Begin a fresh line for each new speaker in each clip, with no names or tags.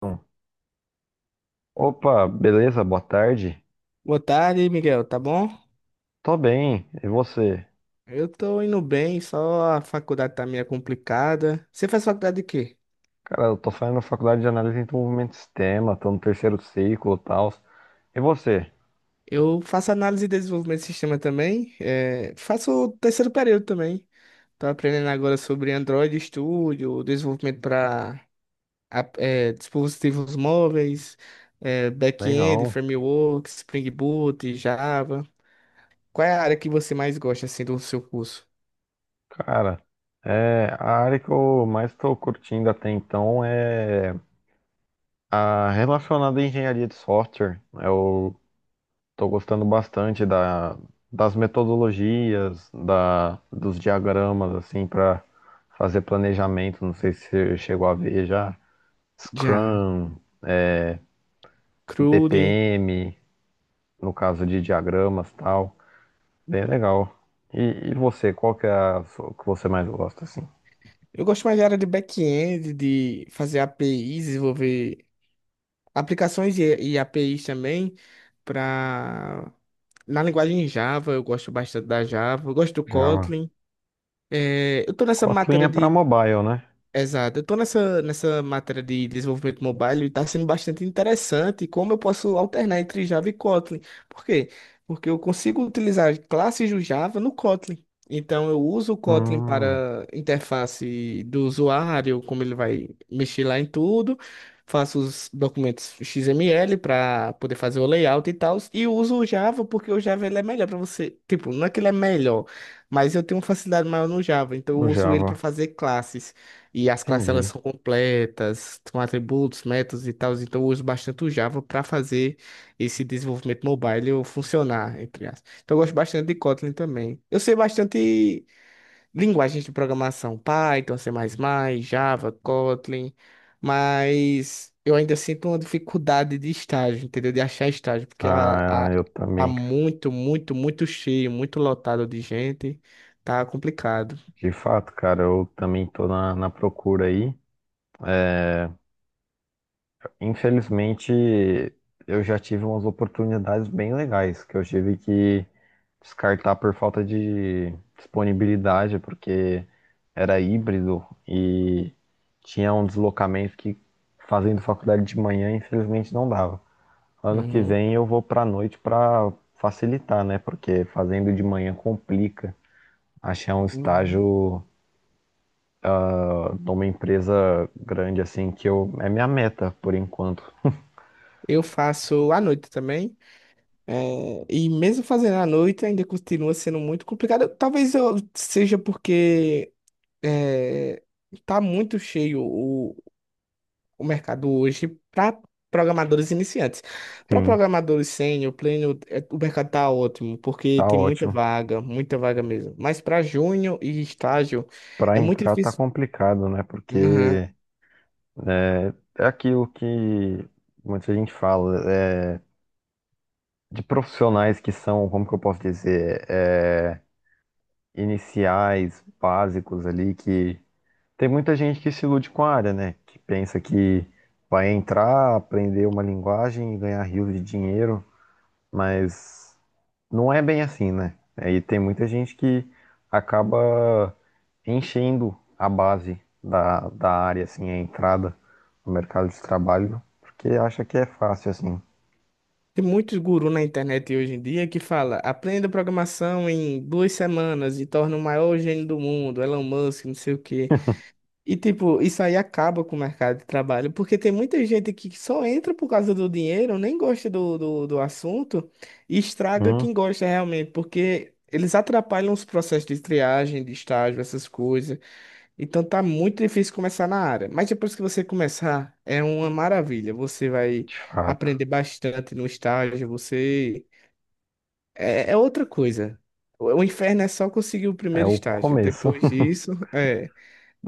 Então, opa, beleza? Boa tarde.
Boa tarde, Miguel, tá bom?
Tô bem, e você?
Eu tô indo bem, só a faculdade tá meio complicada. Você faz faculdade de quê?
Cara, eu tô saindo da faculdade de análise e desenvolvimento de sistema, tô no terceiro ciclo e tal. E você?
Eu faço análise e desenvolvimento de sistema também, faço o terceiro período também. Tô aprendendo agora sobre Android Studio, desenvolvimento para dispositivos móveis, back-end,
Legal.
framework, Spring Boot, Java. Qual é a área que você mais gosta assim do seu curso?
Cara, a área que eu mais tô curtindo até então é a relacionada à engenharia de software. Eu tô gostando bastante das metodologias, dos diagramas, assim, para fazer planejamento. Não sei se você chegou a ver já.
Já,
Scrum. é,
CRUD.
BPM, no caso de diagramas e tal. Bem legal. E você, qual que é que você mais gosta, assim?
Eu gosto mais da área de back-end, de fazer APIs, desenvolver aplicações e APIs também para na linguagem Java, eu gosto bastante da Java, eu gosto do
Java.
Kotlin. É, eu tô nessa
Kotlin
matéria
é para
de
mobile, né?
Exato. Eu tô nessa matéria de desenvolvimento mobile e está sendo bastante interessante como eu posso alternar entre Java e Kotlin. Por quê? Porque eu consigo utilizar classes do Java no Kotlin. Então eu uso o Kotlin
Hum,
para interface do usuário, como ele vai mexer lá em tudo. Faço os documentos XML para poder fazer o layout e tal. E uso o Java porque o Java ele é melhor para você. Tipo, não é que ele é melhor, mas eu tenho uma facilidade maior no Java, então eu
no
uso ele para
Java.
fazer classes. E as classes elas
Entendi.
são completas, com atributos, métodos e tal. Então eu uso bastante o Java para fazer esse desenvolvimento mobile eu funcionar, entre aspas. Então eu gosto bastante de Kotlin também. Eu sei bastante linguagens de programação, Python, C++, Java, Kotlin, mas eu ainda sinto uma dificuldade de estágio, entendeu? De achar estágio, porque
Ah, eu
tá
também, cara.
muito, muito, muito cheio, muito lotado de gente. Tá complicado.
De fato, cara, eu também tô na procura aí. É, Infelizmente, eu já tive umas oportunidades bem legais que eu tive que descartar por falta de disponibilidade, porque era híbrido e tinha um deslocamento que fazendo faculdade de manhã, infelizmente não dava. Ano que
Uhum.
vem eu vou pra noite pra facilitar, né? Porque fazendo de manhã complica achar um
Uhum.
estágio numa empresa grande assim que eu é minha meta por enquanto.
Eu faço à noite também. E mesmo fazendo à noite, ainda continua sendo muito complicado. Talvez seja porque eh, tá muito cheio o mercado hoje para programadores iniciantes. Para
Sim,
programadores sênior, pleno, o mercado tá ótimo, porque
tá
tem
ótimo.
muita vaga mesmo. Mas para júnior e estágio,
Para
é muito
entrar tá
difícil.
complicado, né? Porque é, é aquilo que muita gente fala, de profissionais que são, como que eu posso dizer, iniciais, básicos ali, que tem muita gente que se ilude com a área, né? Que pensa que vai entrar, aprender uma linguagem e ganhar rios de dinheiro, mas não é bem assim, né? Aí tem muita gente que acaba enchendo a base da área, assim, a entrada no mercado de trabalho, porque acha que é fácil, assim.
Tem muitos gurus na internet hoje em dia que fala, aprenda programação em 2 semanas e torna o maior gênio do mundo, Elon Musk, não sei o quê. E tipo, isso aí acaba com o mercado de trabalho, porque tem muita gente que só entra por causa do dinheiro, nem gosta do assunto e estraga
Hum,
quem gosta realmente, porque eles atrapalham os processos de triagem, de estágio, essas coisas. Então tá muito difícil começar na área, mas depois que você começar, é uma maravilha. Você vai
de fato.
aprender bastante no estágio, você é outra coisa. O inferno é só conseguir o
É
primeiro
o
estágio.
começo.
Depois disso,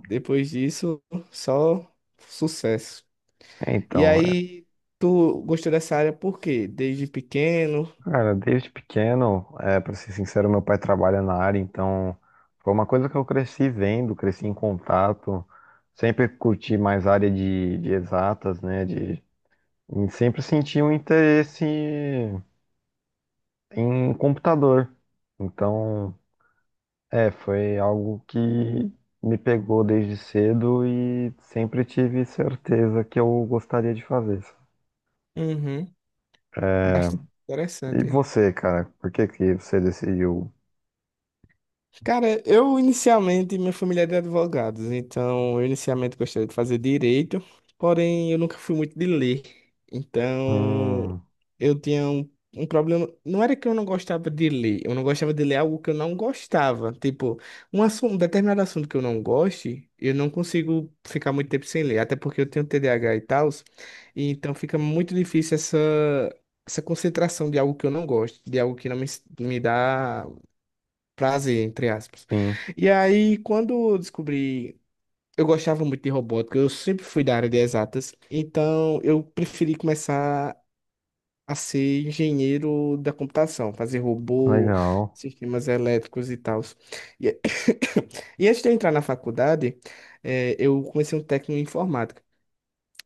depois disso, só sucesso. E
Então,
aí, tu gostou dessa área por quê? Desde pequeno?
cara, desde pequeno, para ser sincero, meu pai trabalha na área, então foi uma coisa que eu cresci vendo, cresci em contato, sempre curti mais área de exatas, né? E sempre senti um interesse em computador. Então, foi algo que me pegou desde cedo e sempre tive certeza que eu gostaria de fazer.
Uhum. Bastante
E
interessante.
você, cara, por que que você decidiu?
Cara, eu inicialmente, minha família é de advogados, então eu inicialmente gostaria de fazer direito, porém eu nunca fui muito de ler. Então
Hum,
eu tinha um problema. Não era que eu não gostava de ler, eu não gostava de ler algo que eu não gostava. Tipo, um assunto, um determinado assunto que eu não goste, eu não consigo ficar muito tempo sem ler, até porque eu tenho TDAH e tal, e então fica muito difícil essa. Essa concentração de algo que eu não gosto, de algo que não me dá prazer, entre aspas.
sim,
E aí, quando eu descobri, eu gostava muito de robótica, eu sempre fui da área de exatas, então eu preferi começar a ser engenheiro da computação, fazer robô,
legal.
sistemas elétricos e tal. E, e antes de eu entrar na faculdade, eu comecei um técnico em informática.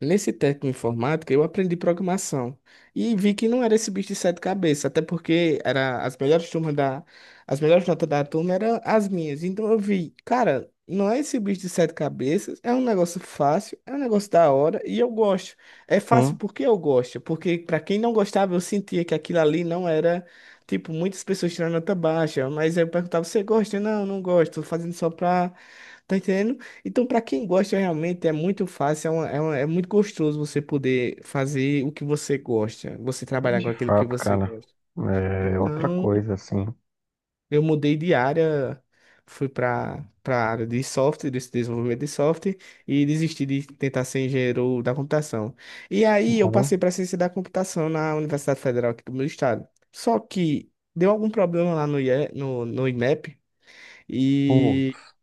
Nesse técnico em informática, eu aprendi programação e vi que não era esse bicho de sete cabeças, até porque era as melhores notas da turma eram as minhas. Então eu vi, cara, não é esse bicho de sete cabeças, é um negócio fácil, é um negócio da hora e eu gosto. É fácil
Sim,
porque eu gosto, porque para quem não gostava, eu sentia que aquilo ali não era, tipo, muitas pessoas tirando nota baixa, mas aí eu perguntava, você gosta? Não, não gosto, tô fazendo só pra, tá entendendo? Então, para quem gosta, realmente é muito fácil, é muito gostoso você poder fazer o que você gosta, você trabalhar com
de
aquilo que
fato,
você
cara.
gosta.
É outra
Então,
coisa, assim.
eu mudei de área, fui para a área de software, desse desenvolvimento de software, e desisti de tentar ser engenheiro da computação. E aí, eu
Bom,
passei para ciência da computação na Universidade Federal aqui do meu estado. Só que deu algum problema lá no, IE no INEP. E
putz,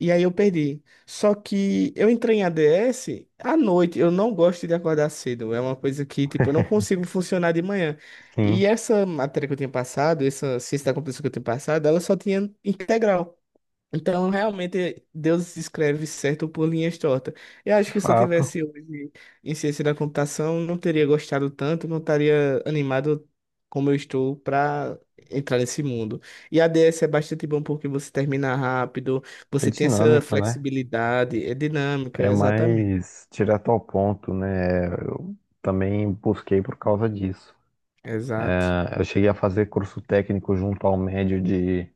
e aí eu perdi. Só que eu entrei em ADS à noite. Eu não gosto de acordar cedo. É uma coisa que, tipo, eu não consigo funcionar de manhã. E
sim,
essa matéria que eu tinha passado, essa ciência da computação que eu tinha passado, ela só tinha integral. Então, realmente, Deus escreve certo por linhas tortas. Eu acho
de
que se eu
fato.
tivesse hoje em ciência da computação, não teria gostado tanto, não estaria animado como eu estou para entrar nesse mundo. E a DS é bastante bom porque você termina rápido,
É
você tem essa
dinâmico, né?
flexibilidade, é dinâmica,
É
exatamente.
mais direto ao ponto, né? Eu também busquei por causa disso.
Exato.
Ah, eu cheguei a fazer curso técnico junto ao médio de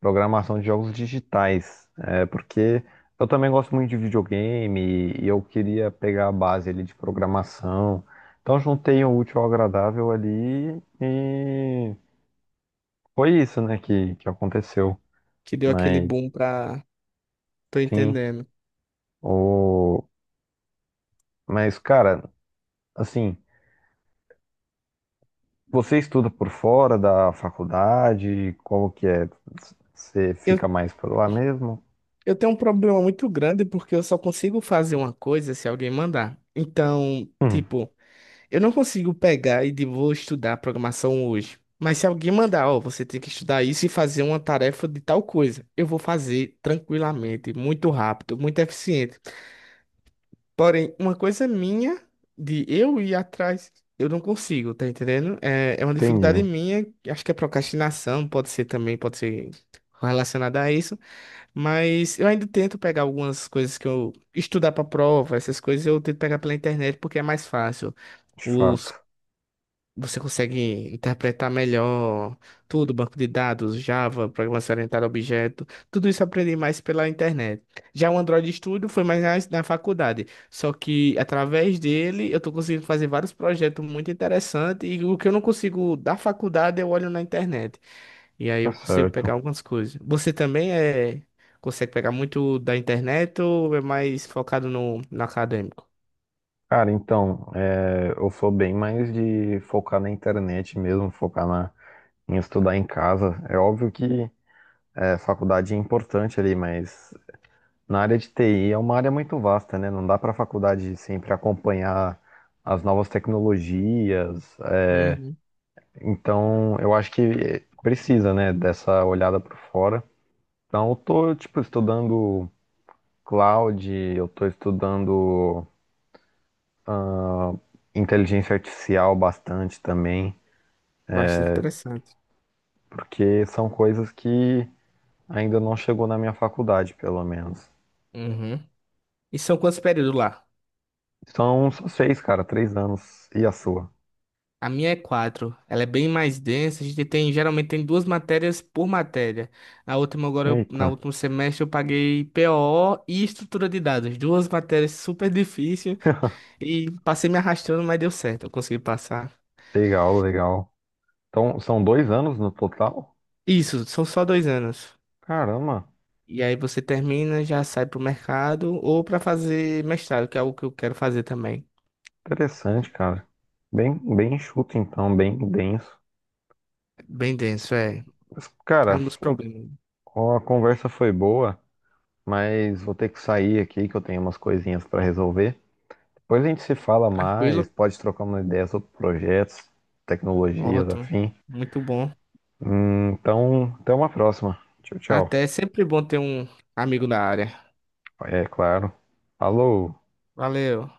programação de jogos digitais, porque eu também gosto muito de videogame e eu queria pegar a base ali de programação. Então juntei o útil ao agradável ali e foi isso, né, que aconteceu.
Que deu aquele
Mas
boom para. Tô
sim,
entendendo.
o... mas cara, assim, você estuda por fora da faculdade, como que é? Você
Eu,
fica mais por lá mesmo?
eu tenho um problema muito grande porque eu só consigo fazer uma coisa se alguém mandar. Então,
Hum,
tipo. Eu não consigo pegar e de vou estudar programação hoje. Mas se alguém mandar, ó, você tem que estudar isso e fazer uma tarefa de tal coisa, eu vou fazer tranquilamente, muito rápido, muito eficiente. Porém, uma coisa minha de eu ir atrás, eu não consigo, tá entendendo? É uma dificuldade
entendi.
minha, acho que é procrastinação, pode ser também, pode ser relacionada a isso, mas eu ainda tento pegar algumas coisas que eu estudar para prova, essas coisas eu tento pegar pela internet porque é mais fácil.
De fato,
Os você consegue interpretar melhor tudo, banco de dados, Java, programação orientada a objeto, tudo isso eu aprendi mais pela internet. Já o Android Studio foi mais na faculdade, só que através dele eu estou conseguindo fazer vários projetos muito interessantes e o que eu não consigo da faculdade eu olho na internet e aí
tá
eu consigo pegar
certo.
algumas coisas. Você também consegue pegar muito da internet ou é mais focado no acadêmico?
Cara, então, eu sou bem mais de focar na internet mesmo, focar em estudar em casa. É óbvio que faculdade é importante ali, mas na área de TI é uma área muito vasta, né? Não dá para faculdade sempre acompanhar as novas tecnologias.
Uhum.
Então, eu acho que precisa, né, dessa olhada por fora. Então, eu tô, tipo, estudando cloud, eu tô estudando inteligência artificial bastante também,
Bastante interessante.
porque são coisas que ainda não chegou na minha faculdade, pelo menos.
Uhum. E são quantos períodos lá?
São só seis, cara, 3 anos. E a sua?
A minha é quatro. Ela é bem mais densa. A gente tem, geralmente tem duas matérias por matéria. Na
Eita.
último semestre eu paguei POO e estrutura de dados. Duas matérias super difíceis e passei me arrastando, mas deu certo. Eu consegui passar.
Legal, legal. Então, são 2 anos no total?
Isso, são só 2 anos.
Caramba,
E aí você termina, já sai pro mercado ou para fazer mestrado, que é algo que eu quero fazer também.
interessante, cara. Bem, bem enxuto, então, bem denso.
Bem denso, é.
Mas,
É
cara,
um dos problemas.
a conversa foi boa, mas vou ter que sair aqui que eu tenho umas coisinhas para resolver. Depois a gente se fala mais,
Tranquilo?
pode trocar uma ideia sobre projetos, tecnologias,
Ótimo.
afim.
Muito bom.
Então, até uma próxima. Tchau,
Até
tchau.
é sempre bom ter um amigo da área.
É claro. Alô.
Valeu.